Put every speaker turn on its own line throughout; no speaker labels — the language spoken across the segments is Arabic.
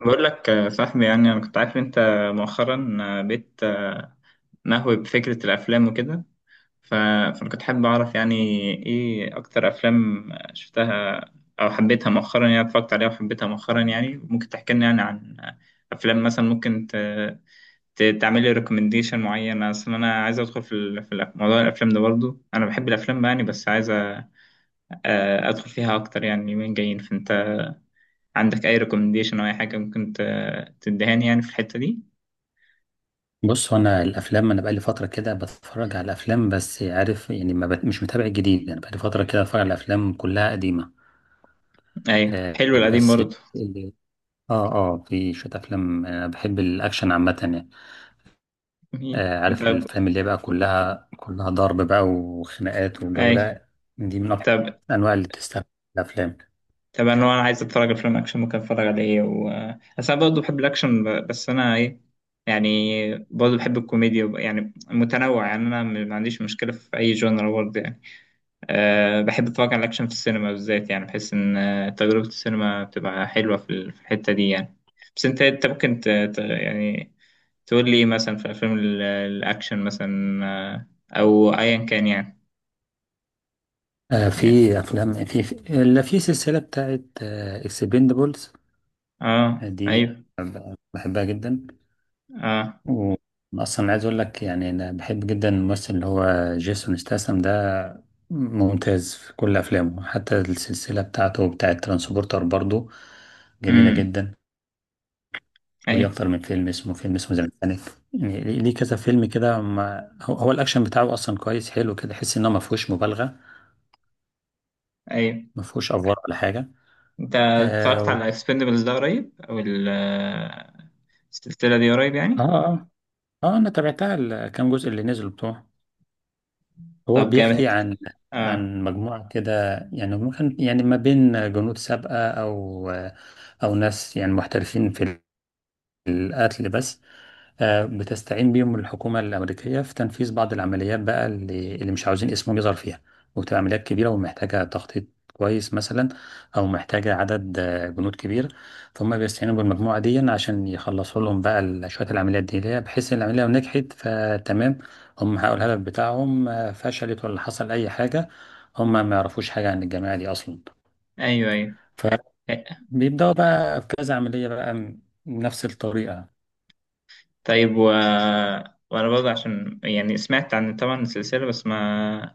بقول لك، صاحبي. يعني انا كنت عارف انت مؤخرا بقيت نهوي بفكرة الافلام وكده. ف- فانا كنت حابب اعرف، يعني ايه اكتر افلام شفتها او حبيتها مؤخرا، يعني اتفرجت عليها وحبيتها مؤخرا. يعني ممكن تحكي لنا يعني عن افلام، مثلا ممكن تعمل لي ريكومنديشن معين. اصل انا عايز ادخل في موضوع الافلام ده برضو، انا بحب الافلام يعني، بس عايز ادخل فيها اكتر، يعني اليومين جايين. فانت عندك اي ريكومنديشن او اي حاجة ممكن تدهاني يعني في الحتة دي؟
بص هو انا الافلام انا بقالي فتره كده بتفرج على الافلام بس عارف يعني ما بت... مش متابع الجديد. انا بقالي فتره كده بتفرج على الافلام كلها قديمه.
ايوه،
آه
حلو القديم
بس
برضه.
اللي... اه اه في شويه افلام، انا بحب الاكشن عامه يعني. عارف
طب.
الافلام اللي هي بقى كلها ضرب بقى وخناقات والجو
ايوه.
ده، دي من اكتر
طب.
الانواع اللي تستهدف الافلام.
طب انا لو عايز اتفرج على فيلم اكشن، ممكن اتفرج على ايه بس انا برضه بحب الاكشن، بس انا ايه يعني، برضه بحب الكوميديا يعني متنوع. يعني انا ما عنديش مشكله في اي جونر برضه يعني. أه، بحب اتفرج على الاكشن في السينما بالذات، يعني بحس ان تجربه السينما بتبقى حلوه في الحته دي يعني. بس انت ممكن يعني تقول لي إيه مثلا في افلام الاكشن مثلا، او ايا كان يعني. يعني.
في افلام في اللي في سلسله بتاعت اكسبندبلز
اه،
دي،
ايوه.
بحبها جدا.
اه،
و- اصلا عايز اقول لك يعني انا بحب جدا الممثل اللي هو جيسون ستاثام ده، ممتاز في كل افلامه. حتى السلسله بتاعه ترانسبورتر برضو جميله
امم
جدا. وليه
ايوه،
اكتر من فيلم، اسمه تايتانيك. يعني ليه كذا فيلم كده. هو الاكشن بتاعه اصلا كويس حلو كده، تحس انه ما فيهوش مبالغه،
ايوه.
ما فيهوش افوار ولا حاجه.
انت
اه
اتفرجت
و-
على اكسبندبلز ده قريب، او السلسله دي قريب
اه
يعني؟
اه انا تابعتها الكام جزء اللي نزلوا بتوعه. هو
طب، جامد.
بيحكي عن
اه،
عن مجموعة كده، يعني ممكن يعني ما بين جنود سابقة، أو أو ناس يعني محترفين في القتل بس. بتستعين بيهم الحكومة الأمريكية في تنفيذ بعض العمليات بقى اللي مش عاوزين اسمهم يظهر فيها. وبتبقى عمليات كبيرة ومحتاجة تخطيط كويس مثلا، أو محتاجة عدد جنود كبير. فهم بيستعينوا بالمجموعة دي عشان يخلصوا لهم بقى شوية العمليات دي، اللي هي بحيث إن العملية لو نجحت فتمام، هم حققوا الهدف بتاعهم. فشلت ولا حصل أي حاجة، هم ما يعرفوش حاجة عن الجماعة دي أصلا.
ايوه، ايوه.
فبيبدأوا بقى في كذا عملية بقى نفس الطريقة.
طيب. وانا برضه، عشان يعني سمعت عن طبعا السلسلة، بس ما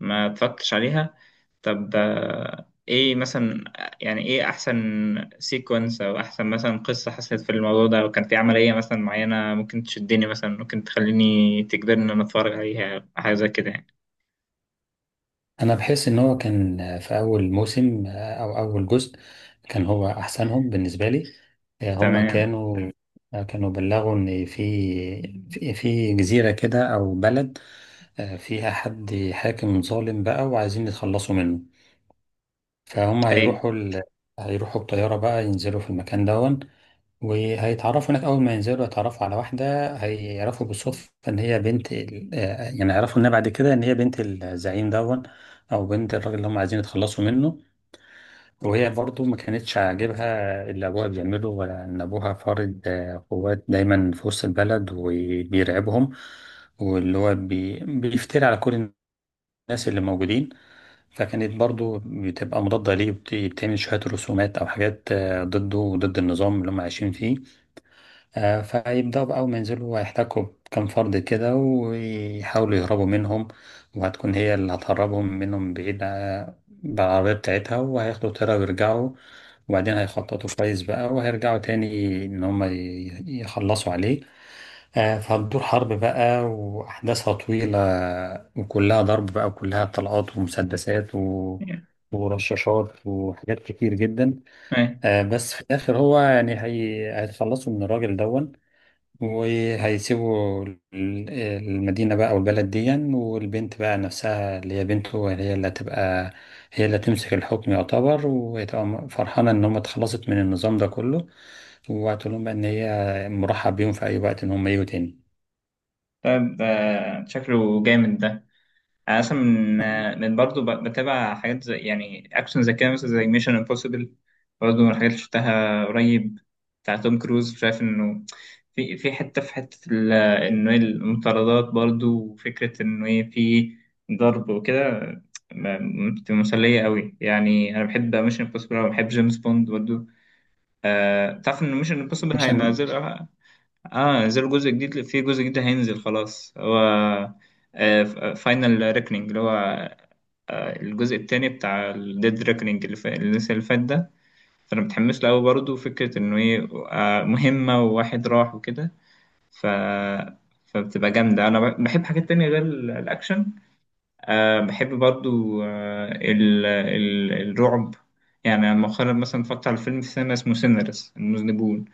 ما اتفرجتش عليها. طب، ايه مثلا يعني ايه احسن سيكونس، او احسن مثلا قصة حصلت في الموضوع ده، لو كان في عملية مثلا معينة ممكن تشدني، مثلا ممكن تخليني تجبرني ان انا اتفرج عليها، حاجة زي كده يعني؟
انا بحس ان هو كان في اول موسم او اول جزء، كان هو احسنهم بالنسبه لي. آه، هم
تمام.
كانوا آه، كانوا بلغوا ان في جزيره كده او بلد فيها حد حاكم ظالم بقى، وعايزين يتخلصوا منه. فهم
اي،
هيروحوا ال... هيروحوا بطياره بقى، ينزلوا في المكان ده. وهيتعرفوا هناك أول ما ينزلوا، يتعرفوا على واحدة هيعرفوا بالصدفة إن هي بنت ال... آه، يعني يعرفوا إنها بعد كده إن هي بنت الزعيم دون، أو بنت الراجل اللي هم عايزين يتخلصوا منه. وهي برضو ما كانتش عاجبها اللي أبوها بيعمله، ولا إن أبوها فارض قوات دايما في وسط البلد وبيرعبهم، واللي هو بيفتري على كل الناس اللي موجودين. فكانت برضو بتبقى مضادة ليه، بتعمل شوية رسومات أو حاجات ضده وضد النظام اللي هم عايشين فيه. فهيبدأوا بقى أول ما ينزلوا هيحتكوا بكام فرد كده، ويحاولوا يهربوا منهم. وهتكون هي اللي هتهربهم منهم بعيد بالعربية بتاعتها، وهياخدوا طيارة ويرجعوا. وبعدين هيخططوا كويس بقى، وهيرجعوا تاني إن هما يخلصوا عليه. فهتدور حرب بقى وأحداثها طويلة، وكلها ضرب بقى، وكلها طلقات ومسدسات ورشاشات وحاجات كتير جدا.
اي.
بس في الآخر هو يعني هيتخلصوا من الراجل دون، وهيسيبوا المدينة بقى أو البلد دي. والبنت بقى نفسها اللي هي بنته، هي اللي هتبقى، هي اللي هتمسك الحكم يعتبر، وهتبقى فرحانة إن هم اتخلصت من النظام ده كله. وهتقول لهم بقى إن هي مرحب بيهم في أي وقت إن هم يجوا تاني.
طيب، شكله جامد ده. انا اصلا من
آه.
من برضه بتابع حاجات زي يعني اكشن زي كده، مثلا زي ميشن امبوسيبل، برضه من الحاجات اللي شفتها قريب، بتاع توم كروز. شايف انه في حته انه إيه المطاردات برضه، وفكره انه ايه في ضرب وكده، بتبقى مسليه قوي يعني. انا بحب ميشن امبوسيبل وبحب جيمس بوند برضه. تعرف ان ميشن امبوسيبل
عشان
هينزل؟ اه، نزل جزء جديد. في جزء جديد هينزل خلاص، هو فاينل ريكنينج، اللي هو الجزء التاني بتاع الديد ريكنينج، اللي لسه، اللي فات ده. فانا متحمس له قوي برضه، فكره انه ايه مهمه وواحد راح وكده. ف فبتبقى جامده. انا بحب حاجات تانية غير الاكشن. أه، بحب برضو، أه ال ال الرعب يعني. أنا مؤخرا مثلا اتفرجت على فيلم في السينما اسمه سينرس المذنبون.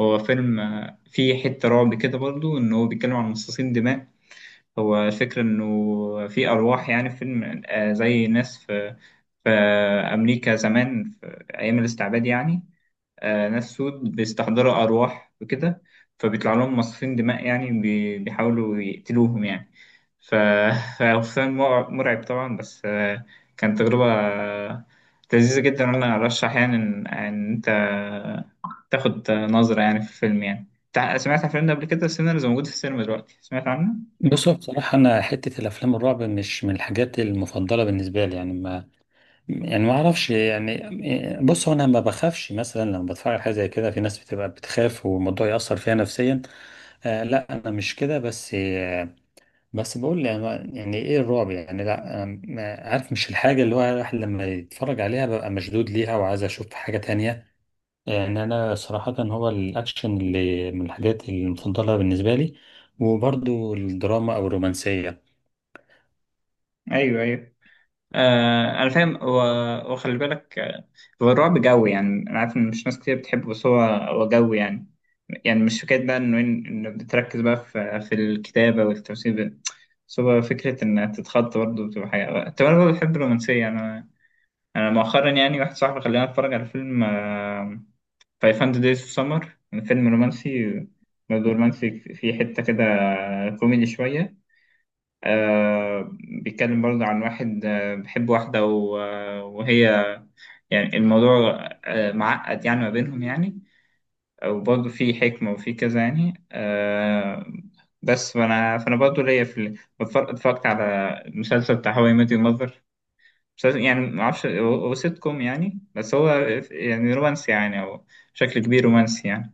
هو فيلم فيه حتة رعب كده برضو، إن هو بيتكلم عن مصاصين دماء. هو الفكرة إنه في أرواح يعني، في فيلم زي ناس في أمريكا زمان، في أيام الاستعباد يعني. ناس سود بيستحضروا أرواح وكده، فبيطلع لهم مصاصين دماء يعني، بيحاولوا يقتلوهم يعني. ف- فحسام مرعب طبعا، بس كانت تجربة لذيذة جدا. أنا أرشح يعني إن أنت تاخد نظرة يعني في الفيلم يعني. سمعت عن الفيلم ده قبل كده؟ سينرز موجود في السينما دلوقتي، سمعت عنه؟
بصوا بصراحة، أنا حتة الأفلام الرعب مش من الحاجات المفضلة بالنسبة لي. يعني ما أعرفش يعني. بصوا، أنا ما بخافش مثلا لما بتفرج على حاجة زي كده. في ناس بتبقى بتخاف والموضوع يأثر فيها نفسيا، لا انا مش كده. بس بقول يعني، يعني ايه الرعب؟ يعني لا، أنا عارف مش الحاجه اللي هو الواحد لما يتفرج عليها ببقى مشدود ليها وعايز اشوف حاجه تانية. يعني انا صراحه هو الاكشن اللي من الحاجات المفضله بالنسبه لي، وبرضو الدراما او الرومانسيه.
أيوه، أيوه. انا فاهم. وخلي بالك، هو الرعب جوي يعني. انا عارف ان مش ناس كتير بتحبه، بس هو جوي يعني. يعني مش فكره بقى انه إن بتركز بقى في الكتابه والتمثيل، بس هو فكره انها تتخض برضه، بتبقى حاجه. طب انا برضه بحب الرومانسيه يعني. انا انا مؤخرا، يعني واحد صاحبي خلاني اتفرج على فيلم فايف هاندرد دايز اوف سمر، فيلم رومانسي، برضه رومانسي فيه حته كده كوميدي شويه. آه بيتكلم برضه عن واحد بيحب واحدة وهي، يعني الموضوع معقد يعني ما بينهم يعني. وبرضه في حكمة وفي كذا يعني، بس فأنا برضه ليا في اتفرجت على المسلسل بتاع هواي ميت يور ماذر. مسلسل يعني معرفش، هو سيت كوم يعني، بس هو يعني رومانسي يعني، أو بشكل كبير رومانسي يعني.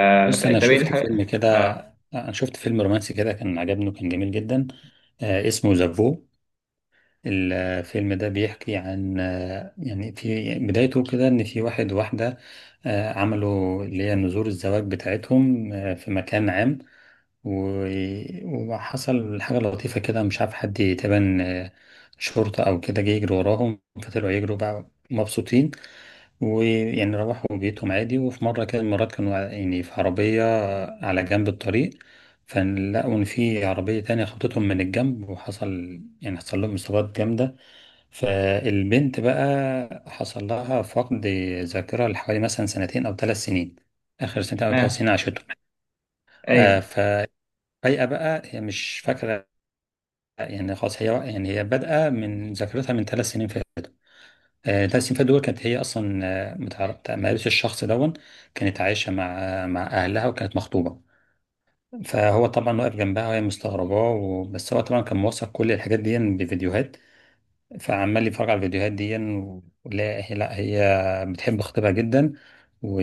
بص انا
طب إيه
شفت فيلم كده،
اه،
انا شفت فيلم رومانسي كده كان عجبني وكان جميل جدا. اسمه ذا. الفيلم ده بيحكي عن يعني في بدايته كده ان في واحد وواحدة عملوا اللي هي نذور الزواج بتاعتهم في مكان عام. و- وحصل حاجة لطيفة كده، مش عارف حد تبان شرطة أو كده، جه يجري وراهم، فطلعوا يجروا بقى مبسوطين. ويعني روحوا بيتهم عادي. وفي مرة كده المرات كانوا يعني في عربية على جنب الطريق، فلقوا إن في عربية تانية خبطتهم من الجنب، وحصل يعني حصل لهم إصابات جامدة. فالبنت بقى حصل لها فقد ذاكرة لحوالي مثلا سنتين أو ثلاث سنين، آخر سنتين أو ثلاث
آه،
سنين عاشتهم. آه
ايوه.
ففجأة بقى هي مش فاكرة، يعني خلاص هي يعني هي بادئة من ذاكرتها من ثلاث سنين فاتوا. آه، ثلاث سنين فاتوا دول كانت هي أصلا متعرف، ما قابلتش الشخص دون، كانت عايشة مع مع أهلها وكانت مخطوبة. فهو طبعا واقف جنبها وهي مستغرباه، بس هو طبعا كان موثق كل الحاجات دي بفيديوهات، فعمال يتفرج على الفيديوهات دي. ولا هي، لا هي بتحب خطيبها جدا. و-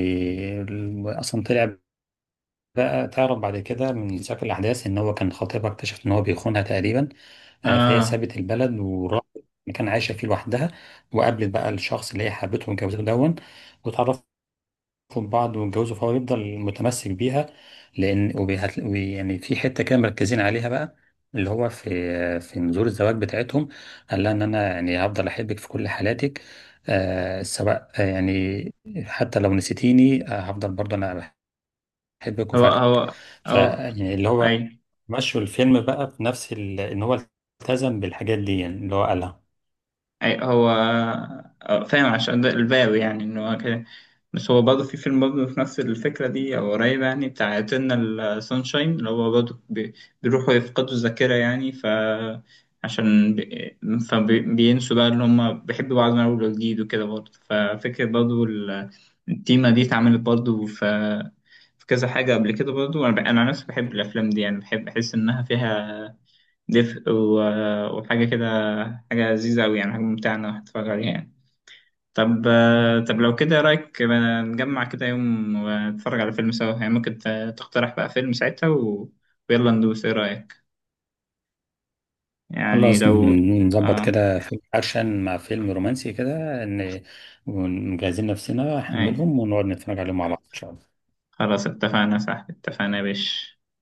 واصلا طلع بقى تعرف بعد كده من سياق الاحداث ان هو كان خطيبها اكتشف ان هو بيخونها تقريبا. فهي
اه،
سابت البلد وراحت مكان عايشه فيه لوحدها، وقابلت بقى الشخص اللي هي حبته واتجوزته دون. واتعرفت، يخطب بعض ويتجوزوا، فهو يفضل متمسك بيها. لان وبيهت... وبي- يعني في حته كده مركزين عليها بقى، اللي هو في نذور الزواج بتاعتهم، قال لها ان انا يعني هفضل احبك في كل حالاتك. آه سواء يعني حتى لو نسيتيني آه، هفضل برضه انا بحبك
هو
وفاكرك.
هو
ف
هو
يعني اللي هو
ايوه،
مشوا الفيلم بقى في نفس ان هو التزم بالحاجات دي، يعني اللي هو قالها.
أي هو. فاهم، عشان ده الباوي يعني إن هو كده. بس هو برضه في فيلم برضه في نفس الفكرة دي أو قريبة يعني، بتاع إترنال سانشاين، اللي هو برضه بيروحوا يفقدوا الذاكرة يعني. عشان بي- فبينسوا بقى إن هما بيحبوا بعض من أول وجديد وكده برضه. التيمة دي اتعملت برضه في كذا حاجة قبل كده برضه. أنا عن نفسي بحب الأفلام دي يعني، بحب أحس إنها فيها دفء وحاجة كده، حاجة لذيذة أوي يعني، حاجة ممتعة إنك تتفرج عليها يعني. طب لو كده إيه رأيك بقى نجمع كده يوم ونتفرج على فيلم سوا يعني؟ ممكن تقترح بقى فيلم ساعتها ويلا ندوس. إيه رأيك يعني
خلاص
لو؟
نظبط
آه
كده فيلم أكشن مع فيلم رومانسي كده، إن ونجهزين نفسنا
أي.
حملهم ونقعد نتفرج عليهم مع بعض إن شاء الله.
خلاص، اتفقنا. صح، اتفقنا يا باشا.